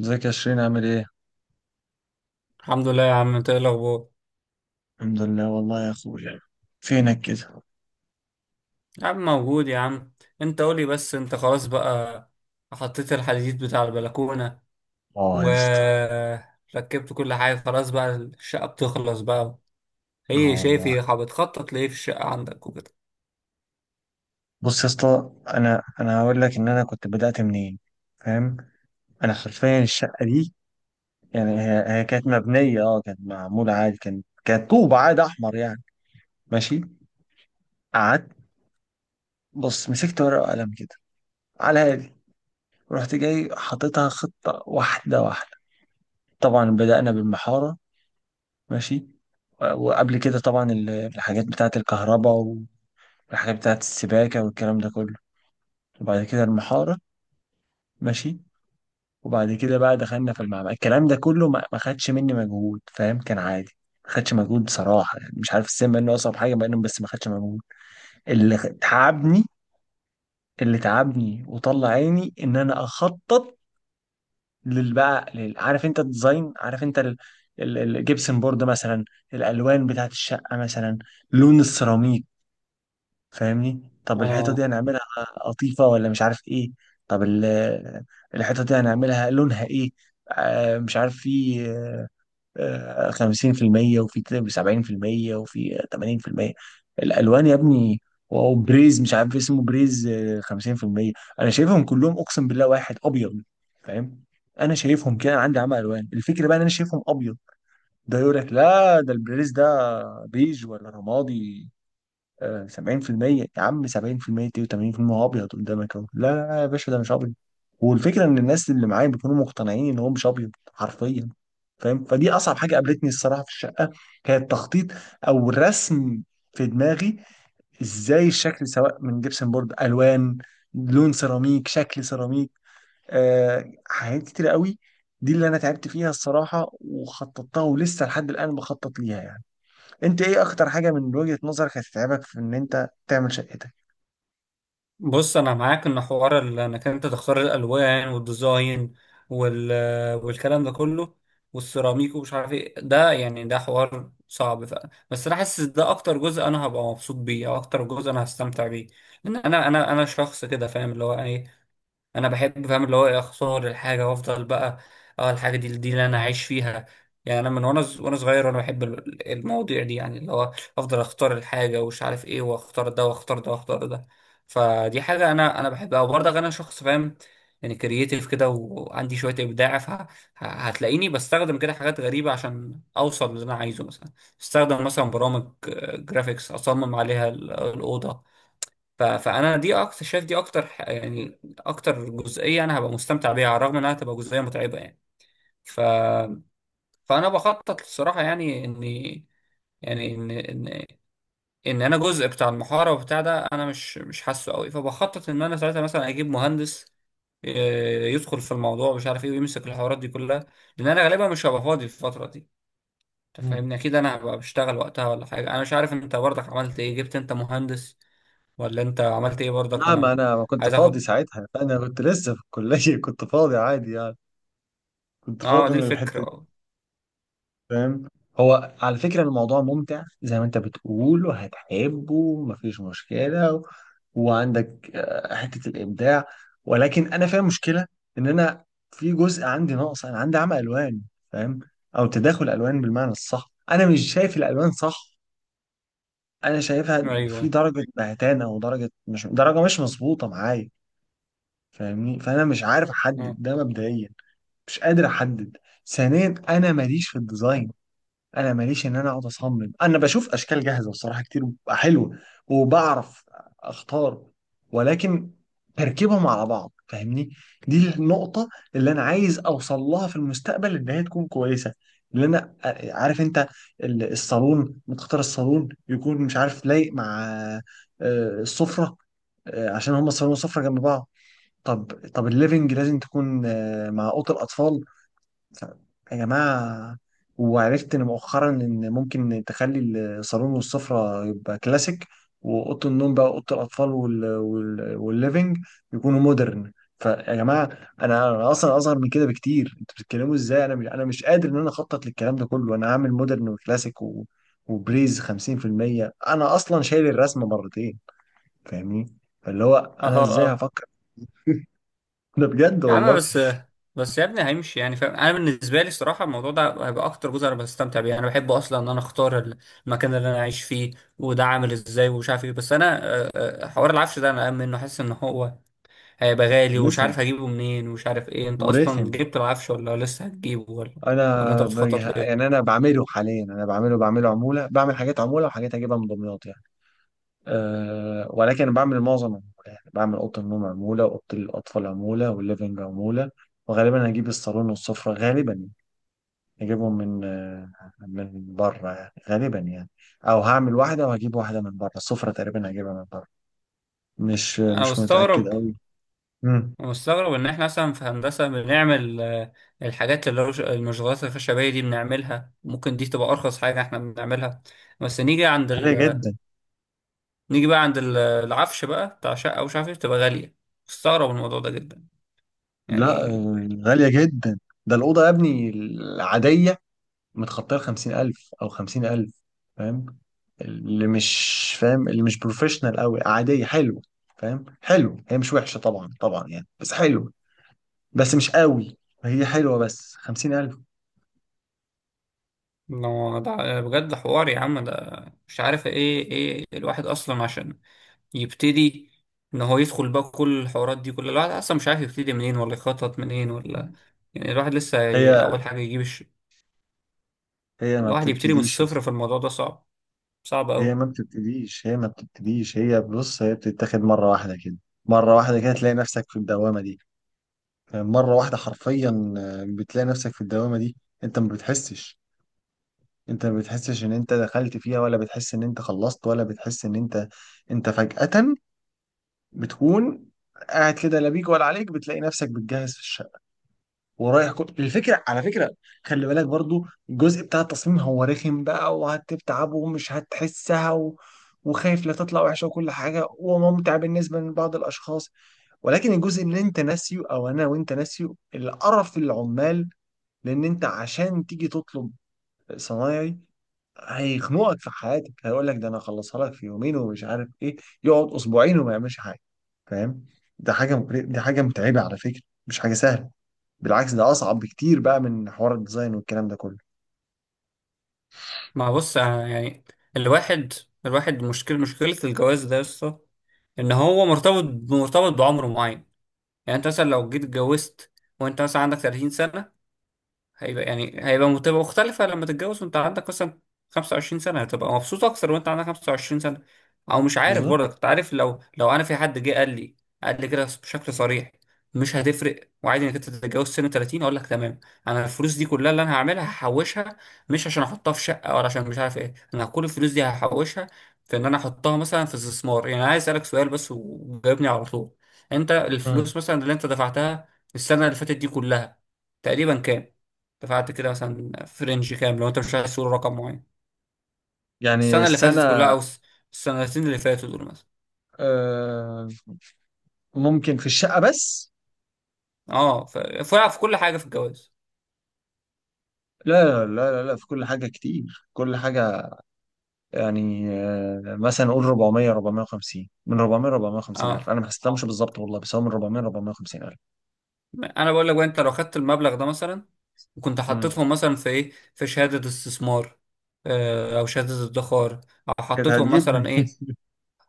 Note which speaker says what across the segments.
Speaker 1: ازيك يا شيرين، عامل ايه؟
Speaker 2: الحمد لله يا عم، انت ايه الاخبار؟
Speaker 1: الحمد لله والله يا اخويا. فينك كده؟
Speaker 2: يا عم موجود يا عم. انت قولي بس، انت خلاص بقى؟ حطيت الحديد بتاع البلكونة
Speaker 1: اه يا اسطى.
Speaker 2: وركبت كل حاجة، خلاص بقى الشقة بتخلص بقى.
Speaker 1: اه
Speaker 2: هي شايف
Speaker 1: والله.
Speaker 2: هي بتخطط ليه في الشقة عندك وكده؟
Speaker 1: بص يا اسطى، انا هقول لك ان انا كنت بدأت منين. فاهم؟ انا حرفيا الشقة دي، يعني هي كانت مبنية، كانت معمولة عادي، كانت طوب عادي احمر يعني. ماشي. قعدت. بص، مسكت ورقة وقلم كده على هادي. رحت جاي حاططها خطة واحدة واحدة. طبعا بدأنا بالمحارة. ماشي. وقبل كده طبعا الحاجات بتاعت الكهرباء، الحاجات بتاعت السباكة والكلام ده كله. وبعد كده المحارة. ماشي. وبعد كده بقى دخلنا في المعمل. الكلام ده كله ما خدش مني مجهود، فاهم؟ كان عادي. ما خدش مجهود بصراحة، يعني مش عارف السن بقى انه أصعب حاجة بقى، بس ما خدش مجهود. تعبني اللي تعبني وطلع عيني إن أنا أخطط عارف أنت الديزاين، عارف أنت الجبسن بورد مثلا، الألوان بتاعت الشقة مثلا، لون السيراميك. فاهمني؟ طب الحتة دي
Speaker 2: اه.
Speaker 1: هنعملها قطيفة ولا مش عارف ايه؟ طب الحتة دي هنعملها لونها ايه؟ مش عارف، في خمسين في المية، وفي 70%، وفي 80%. الألوان يا ابني. واو، بريز مش عارف اسمه، بريز، خمسين في المية. أنا شايفهم كلهم أقسم بالله واحد أبيض. فاهم؟ أنا شايفهم كده. أنا عندي عمى ألوان. الفكرة بقى إن أنا شايفهم أبيض. ده يقول لك لا، ده البريز ده بيج ولا رمادي. 70% يا عم، 70% دي و80% هو ابيض قدامك اهو. لا لا لا يا باشا، ده مش ابيض. والفكره ان الناس اللي معايا بيكونوا مقتنعين ان هو مش ابيض حرفيا. فاهم؟ فدي اصعب حاجه قابلتني الصراحه في الشقه. هي التخطيط او الرسم في دماغي. ازاي الشكل، سواء من جبسن بورد، الوان، لون سيراميك، شكل سيراميك. حاجات كتير قوي. دي اللي انا تعبت فيها الصراحه، وخططتها ولسه لحد الان بخطط ليها يعني. انت ايه اخطر حاجه من وجهه نظرك هتتعبك في ان انت تعمل شقتك؟
Speaker 2: بص انا معاك ان حوار انك انت تختار الالوان والديزاين وال... والكلام ده كله والسيراميك ومش عارف ايه، ده يعني ده حوار صعب، بس انا حاسس ده اكتر جزء انا هبقى مبسوط بيه او اكتر جزء انا هستمتع بيه، لان انا شخص كده فاهم اللي هو ايه. انا بحب، فاهم اللي هو إيه، اخسر الحاجه وافضل بقى. اه الحاجه دي اللي انا عايش فيها. يعني انا من وانا وانا صغير وانا بحب المواضيع دي، يعني اللي هو افضل اختار الحاجه ومش عارف ايه، واختار ده واختار ده واختار ده. فدي حاجه انا بحبها وبرضه انا شخص فاهم، يعني كرييتيف كده وعندي شويه ابداع، فهتلاقيني بستخدم كده حاجات غريبه عشان اوصل للي انا عايزه. مثلا بستخدم مثلا برامج جرافيكس اصمم عليها الاوضه. فانا دي اكتر، شايف دي اكتر يعني اكتر جزئيه انا هبقى مستمتع بيها على الرغم انها تبقى جزئيه متعبه يعني. ف فانا بخطط الصراحه يعني اني يعني ان انا جزء بتاع المحاره وبتاع ده، انا مش حاسه قوي، فبخطط ان انا ساعتها مثلا اجيب مهندس، يدخل في الموضوع مش عارف ايه، ويمسك الحوارات دي كلها، لان انا غالبا مش هبقى فاضي في الفتره دي. انت
Speaker 1: مم.
Speaker 2: فاهمني، اكيد انا هبقى بشتغل وقتها ولا حاجه، انا مش عارف انت برضك عملت ايه، جبت انت مهندس ولا انت عملت ايه برضك؟
Speaker 1: لا، ما
Speaker 2: انا
Speaker 1: انا ما كنت
Speaker 2: عايز
Speaker 1: فاضي
Speaker 2: اخد.
Speaker 1: ساعتها. انا كنت لسه في الكليه كنت فاضي عادي يعني. كنت
Speaker 2: اه
Speaker 1: فاضي
Speaker 2: دي
Speaker 1: من
Speaker 2: الفكرة
Speaker 1: الحته دي.
Speaker 2: اه.
Speaker 1: فاهم؟ هو على فكره الموضوع ممتع زي ما انت بتقول وهتحبه، مفيش مشكله، و... وعندك حته الابداع. ولكن انا فاهم مشكله، ان انا في جزء عندي ناقص. انا عندي عمى الوان، فاهم؟ او تداخل الوان بالمعنى الصح. انا مش شايف الالوان صح. انا شايفها في
Speaker 2: ايوه.
Speaker 1: درجه بهتانه، ودرجه مش مظبوطه معايا. فاهمني؟ فانا مش عارف احدد
Speaker 2: اه.
Speaker 1: ده مبدئيا. مش قادر احدد. ثانيا، انا ماليش في الديزاين. انا ماليش ان انا اقعد اصمم. انا بشوف اشكال جاهزه بصراحه كتير بتبقى حلوه، وبعرف اختار، ولكن تركيبهم على بعض. فاهمني؟ دي النقطه اللي انا عايز اوصل لها في المستقبل، ان هي تكون كويسه. اللي انا عارف انت، الصالون، متختار الصالون يكون مش عارف لايق مع السفره. عشان هما الصالون والسفره جنب بعض. طب، الليفنج لازم تكون مع اوضه الاطفال. ف- يا جماعة! وعرفت إن مؤخرا إن ممكن تخلي الصالون والسفرة يبقى كلاسيك، وأوضة النوم بقى، أوضة الأطفال والليفينج يكونوا مودرن. فيا جماعة، أنا أصلا أصغر من كده بكتير. أنتوا بتتكلموا إزاي؟ أنا مش قادر إن أنا أخطط للكلام ده كله. أنا هعمل مودرن وكلاسيك و... وبريز 50%. أنا أصلا شايل الرسمة مرتين. فاهمني؟ فاللي هو
Speaker 2: اه.
Speaker 1: أنا إزاي
Speaker 2: اه
Speaker 1: هفكر؟ ده بجد
Speaker 2: يا عم
Speaker 1: والله.
Speaker 2: بس، بس يا ابني هيمشي يعني، فاهم، انا بالنسبة لي الصراحة الموضوع ده هيبقى اكتر جزء انا بستمتع بيه، انا بحب اصلا ان انا اختار المكان اللي انا عايش فيه وده عامل ازاي ومش عارف ايه. بس انا حوار العفش ده انا قام منه حاسس ان هو هيبقى غالي ومش عارف
Speaker 1: رخم.
Speaker 2: هجيبه منين ومش عارف ايه. انت اصلا
Speaker 1: ورخم.
Speaker 2: جبت العفش ولا لسه هتجيبه، ولا ولا انت
Speaker 1: انا ب...
Speaker 2: بتخطط لايه؟
Speaker 1: يعني انا بعمله حاليا. انا بعمله عموله. بعمل حاجات عموله، وحاجات اجيبها من دمياط يعني. أه، ولكن بعمل معظم عمولة، يعني بعمل اوضه النوم عموله، واوضه الاطفال عموله، والليفنج عموله. وغالبا هجيب الصالون والسفره. غالبا هجيبهم من بره يعني، غالبا يعني. او هعمل واحده وهجيب واحده من بره. السفره تقريبا هجيبها من بره. مش
Speaker 2: انا
Speaker 1: مش متاكد
Speaker 2: بستغرب،
Speaker 1: قوي. امم
Speaker 2: مستغرب ان احنا مثلا في هندسه بنعمل، الحاجات اللي هو المشغولات الخشبيه دي بنعملها، ممكن دي تبقى ارخص حاجه احنا بنعملها، بس نيجي عند
Speaker 1: غاليه جدا.
Speaker 2: نيجي بقى عند العفش بقى بتاع شقه ومش عارف ايه بتبقى غاليه. مستغرب الموضوع ده جدا
Speaker 1: لا،
Speaker 2: يعني.
Speaker 1: غاليه جدا. ده الاوضه يا ابني العاديه متخطيه ال 50000 او 50000. فاهم؟ اللي مش فاهم، اللي مش بروفيشنال قوي، عاديه حلوه. فاهم؟ حلو، هي مش وحشه طبعا، طبعا يعني، بس حلو، بس مش قوي. هي حلوه بس 50000.
Speaker 2: لو ده بجد حوار يا عم، ده مش عارف ايه، ايه الواحد اصلا عشان يبتدي ان هو يدخل بقى كل الحوارات دي كل؟ الواحد اصلا مش عارف يبتدي منين ولا يخطط منين ولا، يعني الواحد لسه
Speaker 1: هي
Speaker 2: اول حاجه يجيب،
Speaker 1: هي ما
Speaker 2: الواحد يبتدي من
Speaker 1: بتبتديش يا
Speaker 2: الصفر،
Speaker 1: اسطى.
Speaker 2: في الموضوع ده صعب، صعب
Speaker 1: هي
Speaker 2: أوي.
Speaker 1: ما بتبتديش. هي ما بتبتديش. هي، بص، هي بتتاخد مره واحده كده. مره واحده كده تلاقي نفسك في الدوامه دي. مرة واحدة حرفيا. بتلاقي نفسك في الدوامة دي. انت ما بتحسش. انت ما بتحسش ان انت دخلت فيها، ولا بتحس ان انت خلصت، ولا بتحس ان انت. انت فجأة بتكون قاعد كده لا بيك ولا عليك، بتلاقي نفسك بتجهز في الشقة، ورايح الفكرة على فكرة، خلي بالك برضو، الجزء بتاع التصميم هو رخم بقى، وهتتعب ومش هتحسها، و... وخايف لا تطلع وحشة وكل حاجة، وممتع بالنسبة لبعض الأشخاص. ولكن الجزء اللي انت ناسيه، أو أنا وانت ناسيه، القرف العمال. لأن انت عشان تيجي تطلب صنايعي، هيخنقك في حياتك. هيقول لك ده انا اخلصها لك في يومين ومش عارف ايه، يقعد اسبوعين وما يعملش حاجه. فاهم؟ دي حاجه متعبه على فكره، مش حاجه سهله. بالعكس ده اصعب بكتير بقى من حوار الديزاين والكلام ده كله.
Speaker 2: ما بص أنا يعني، الواحد الواحد، مشكلة الجواز ده يا اسطى، إن هو مرتبط، مرتبط بعمر معين. يعني أنت مثلا لو جيت اتجوزت وأنت مثلا عندك 30 سنة، هيبقى يعني هيبقى متبقى مختلفة لما تتجوز وانت عندك مثلا 25 سنة، هتبقى مبسوط أكتر وانت عندك 25 سنة. أو مش عارف
Speaker 1: بالظبط.
Speaker 2: برضه، كنت عارف لو أنا في حد جه قال لي، قال لي كده بشكل صريح، مش هتفرق وعادي انك انت تتجوز سن 30، اقول لك تمام انا الفلوس دي كلها اللي انا هعملها هحوشها، مش عشان احطها في شقه ولا عشان مش عارف ايه، انا كل الفلوس دي هحوشها في ان انا احطها مثلا في استثمار. يعني عايز اسالك سؤال بس وجاوبني على طول، انت
Speaker 1: مم.
Speaker 2: الفلوس مثلا اللي انت دفعتها السنه اللي فاتت دي كلها تقريبا كام؟ دفعت كده مثلا في رينج كام، لو انت مش عايز تقول رقم معين؟
Speaker 1: يعني
Speaker 2: السنه اللي فاتت كلها
Speaker 1: السنه،
Speaker 2: او السنتين اللي فاتوا دول مثلا.
Speaker 1: آه ممكن في الشقه بس.
Speaker 2: اه فرق في كل حاجه في الجواز.
Speaker 1: لا لا لا لا، في كل حاجه، كتير كل حاجه. يعني مثلا نقول 400 450، من 400 450 الف.
Speaker 2: اه
Speaker 1: انا ما حسبتهمش بالظبط والله، بس هو من 400 450 الف.
Speaker 2: انا بقول لك بقى، انت لو خدت المبلغ ده مثلا وكنت
Speaker 1: مم.
Speaker 2: حطيتهم مثلا في ايه، في شهاده استثمار، او شهاده ادخار، او
Speaker 1: كانت
Speaker 2: حطيتهم
Speaker 1: هتجيب
Speaker 2: مثلا ايه،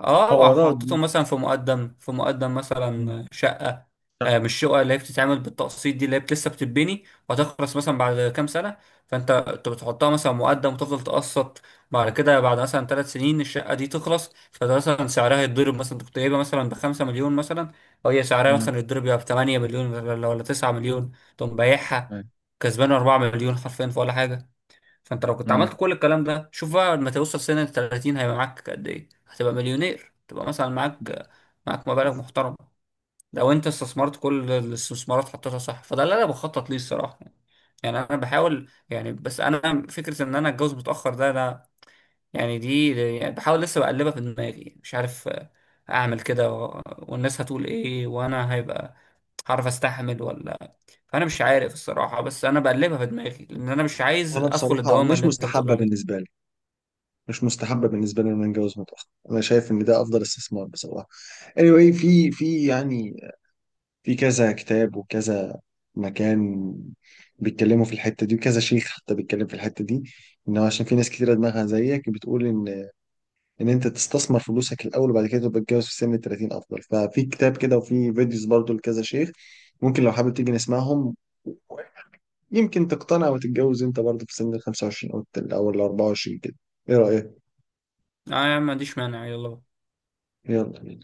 Speaker 2: اه
Speaker 1: حوارات دي.
Speaker 2: وحطيته مثلا في مقدم، في مقدم
Speaker 1: مم.
Speaker 2: مثلا شقة،
Speaker 1: لا.
Speaker 2: مش شقة اللي هي بتتعمل بالتقسيط دي، اللي هي لسه بتتبني وهتخلص مثلا بعد كام سنة، فانت انت بتحطها مثلا مقدم وتفضل تقسط، بعد كده بعد مثلا 3 سنين الشقة دي تخلص، فده مثلا سعرها يتضرب، مثلا انت كنت جايبها مثلا بخمسة مليون مثلا، وهي سعرها
Speaker 1: مم.
Speaker 2: مثلا يتضرب يبقى ب8 مليون ولا 9 مليون، تقوم بايعها
Speaker 1: أيوة.
Speaker 2: كسبان 4 مليون حرفيا في ولا حاجة. فانت لو كنت عملت
Speaker 1: مم.
Speaker 2: كل الكلام ده، شوف بقى لما توصل سن ال 30 هيبقى معاك قد ايه، هتبقى مليونير، تبقى مثلا معاك، معاك مبالغ محترمه لو انت استثمرت كل الاستثمارات حطيتها صح. فده اللي انا بخطط ليه الصراحه يعني، يعني انا بحاول يعني، بس انا فكره ان انا اتجوز متاخر ده انا يعني دي، يعني بحاول لسه بقلبها في دماغي، مش عارف، اعمل كده والناس هتقول ايه، وانا هيبقى هعرف استحمل ولا، فانا مش عارف الصراحه. بس انا بقلبها في دماغي لان انا مش عايز
Speaker 1: انا
Speaker 2: ادخل
Speaker 1: بصراحه
Speaker 2: الدوامه
Speaker 1: مش
Speaker 2: اللي انت بتقول
Speaker 1: مستحبه
Speaker 2: عليها.
Speaker 1: بالنسبه لي. مش مستحبه بالنسبه لي ان انا اتجوز متاخر. انا شايف ان ده افضل استثمار بصراحه. Anyway، في يعني في كذا كتاب وكذا مكان بيتكلموا في الحته دي، وكذا شيخ حتى بيتكلم في الحته دي، ان هو عشان في ناس كتيره دماغها زيك بتقول ان انت تستثمر فلوسك الاول وبعد كده تبقى تتجوز في سن ال 30 افضل. ففي كتاب كده وفي فيديوز برضو لكذا شيخ. ممكن لو حابب تيجي نسمعهم، يمكن تقتنع وتتجوز انت برضه في سن ال 25 او او ال 24 كده. ايه رأيك؟
Speaker 2: اه يا عم ما عنديش مانع، يلا بقى.
Speaker 1: يلا.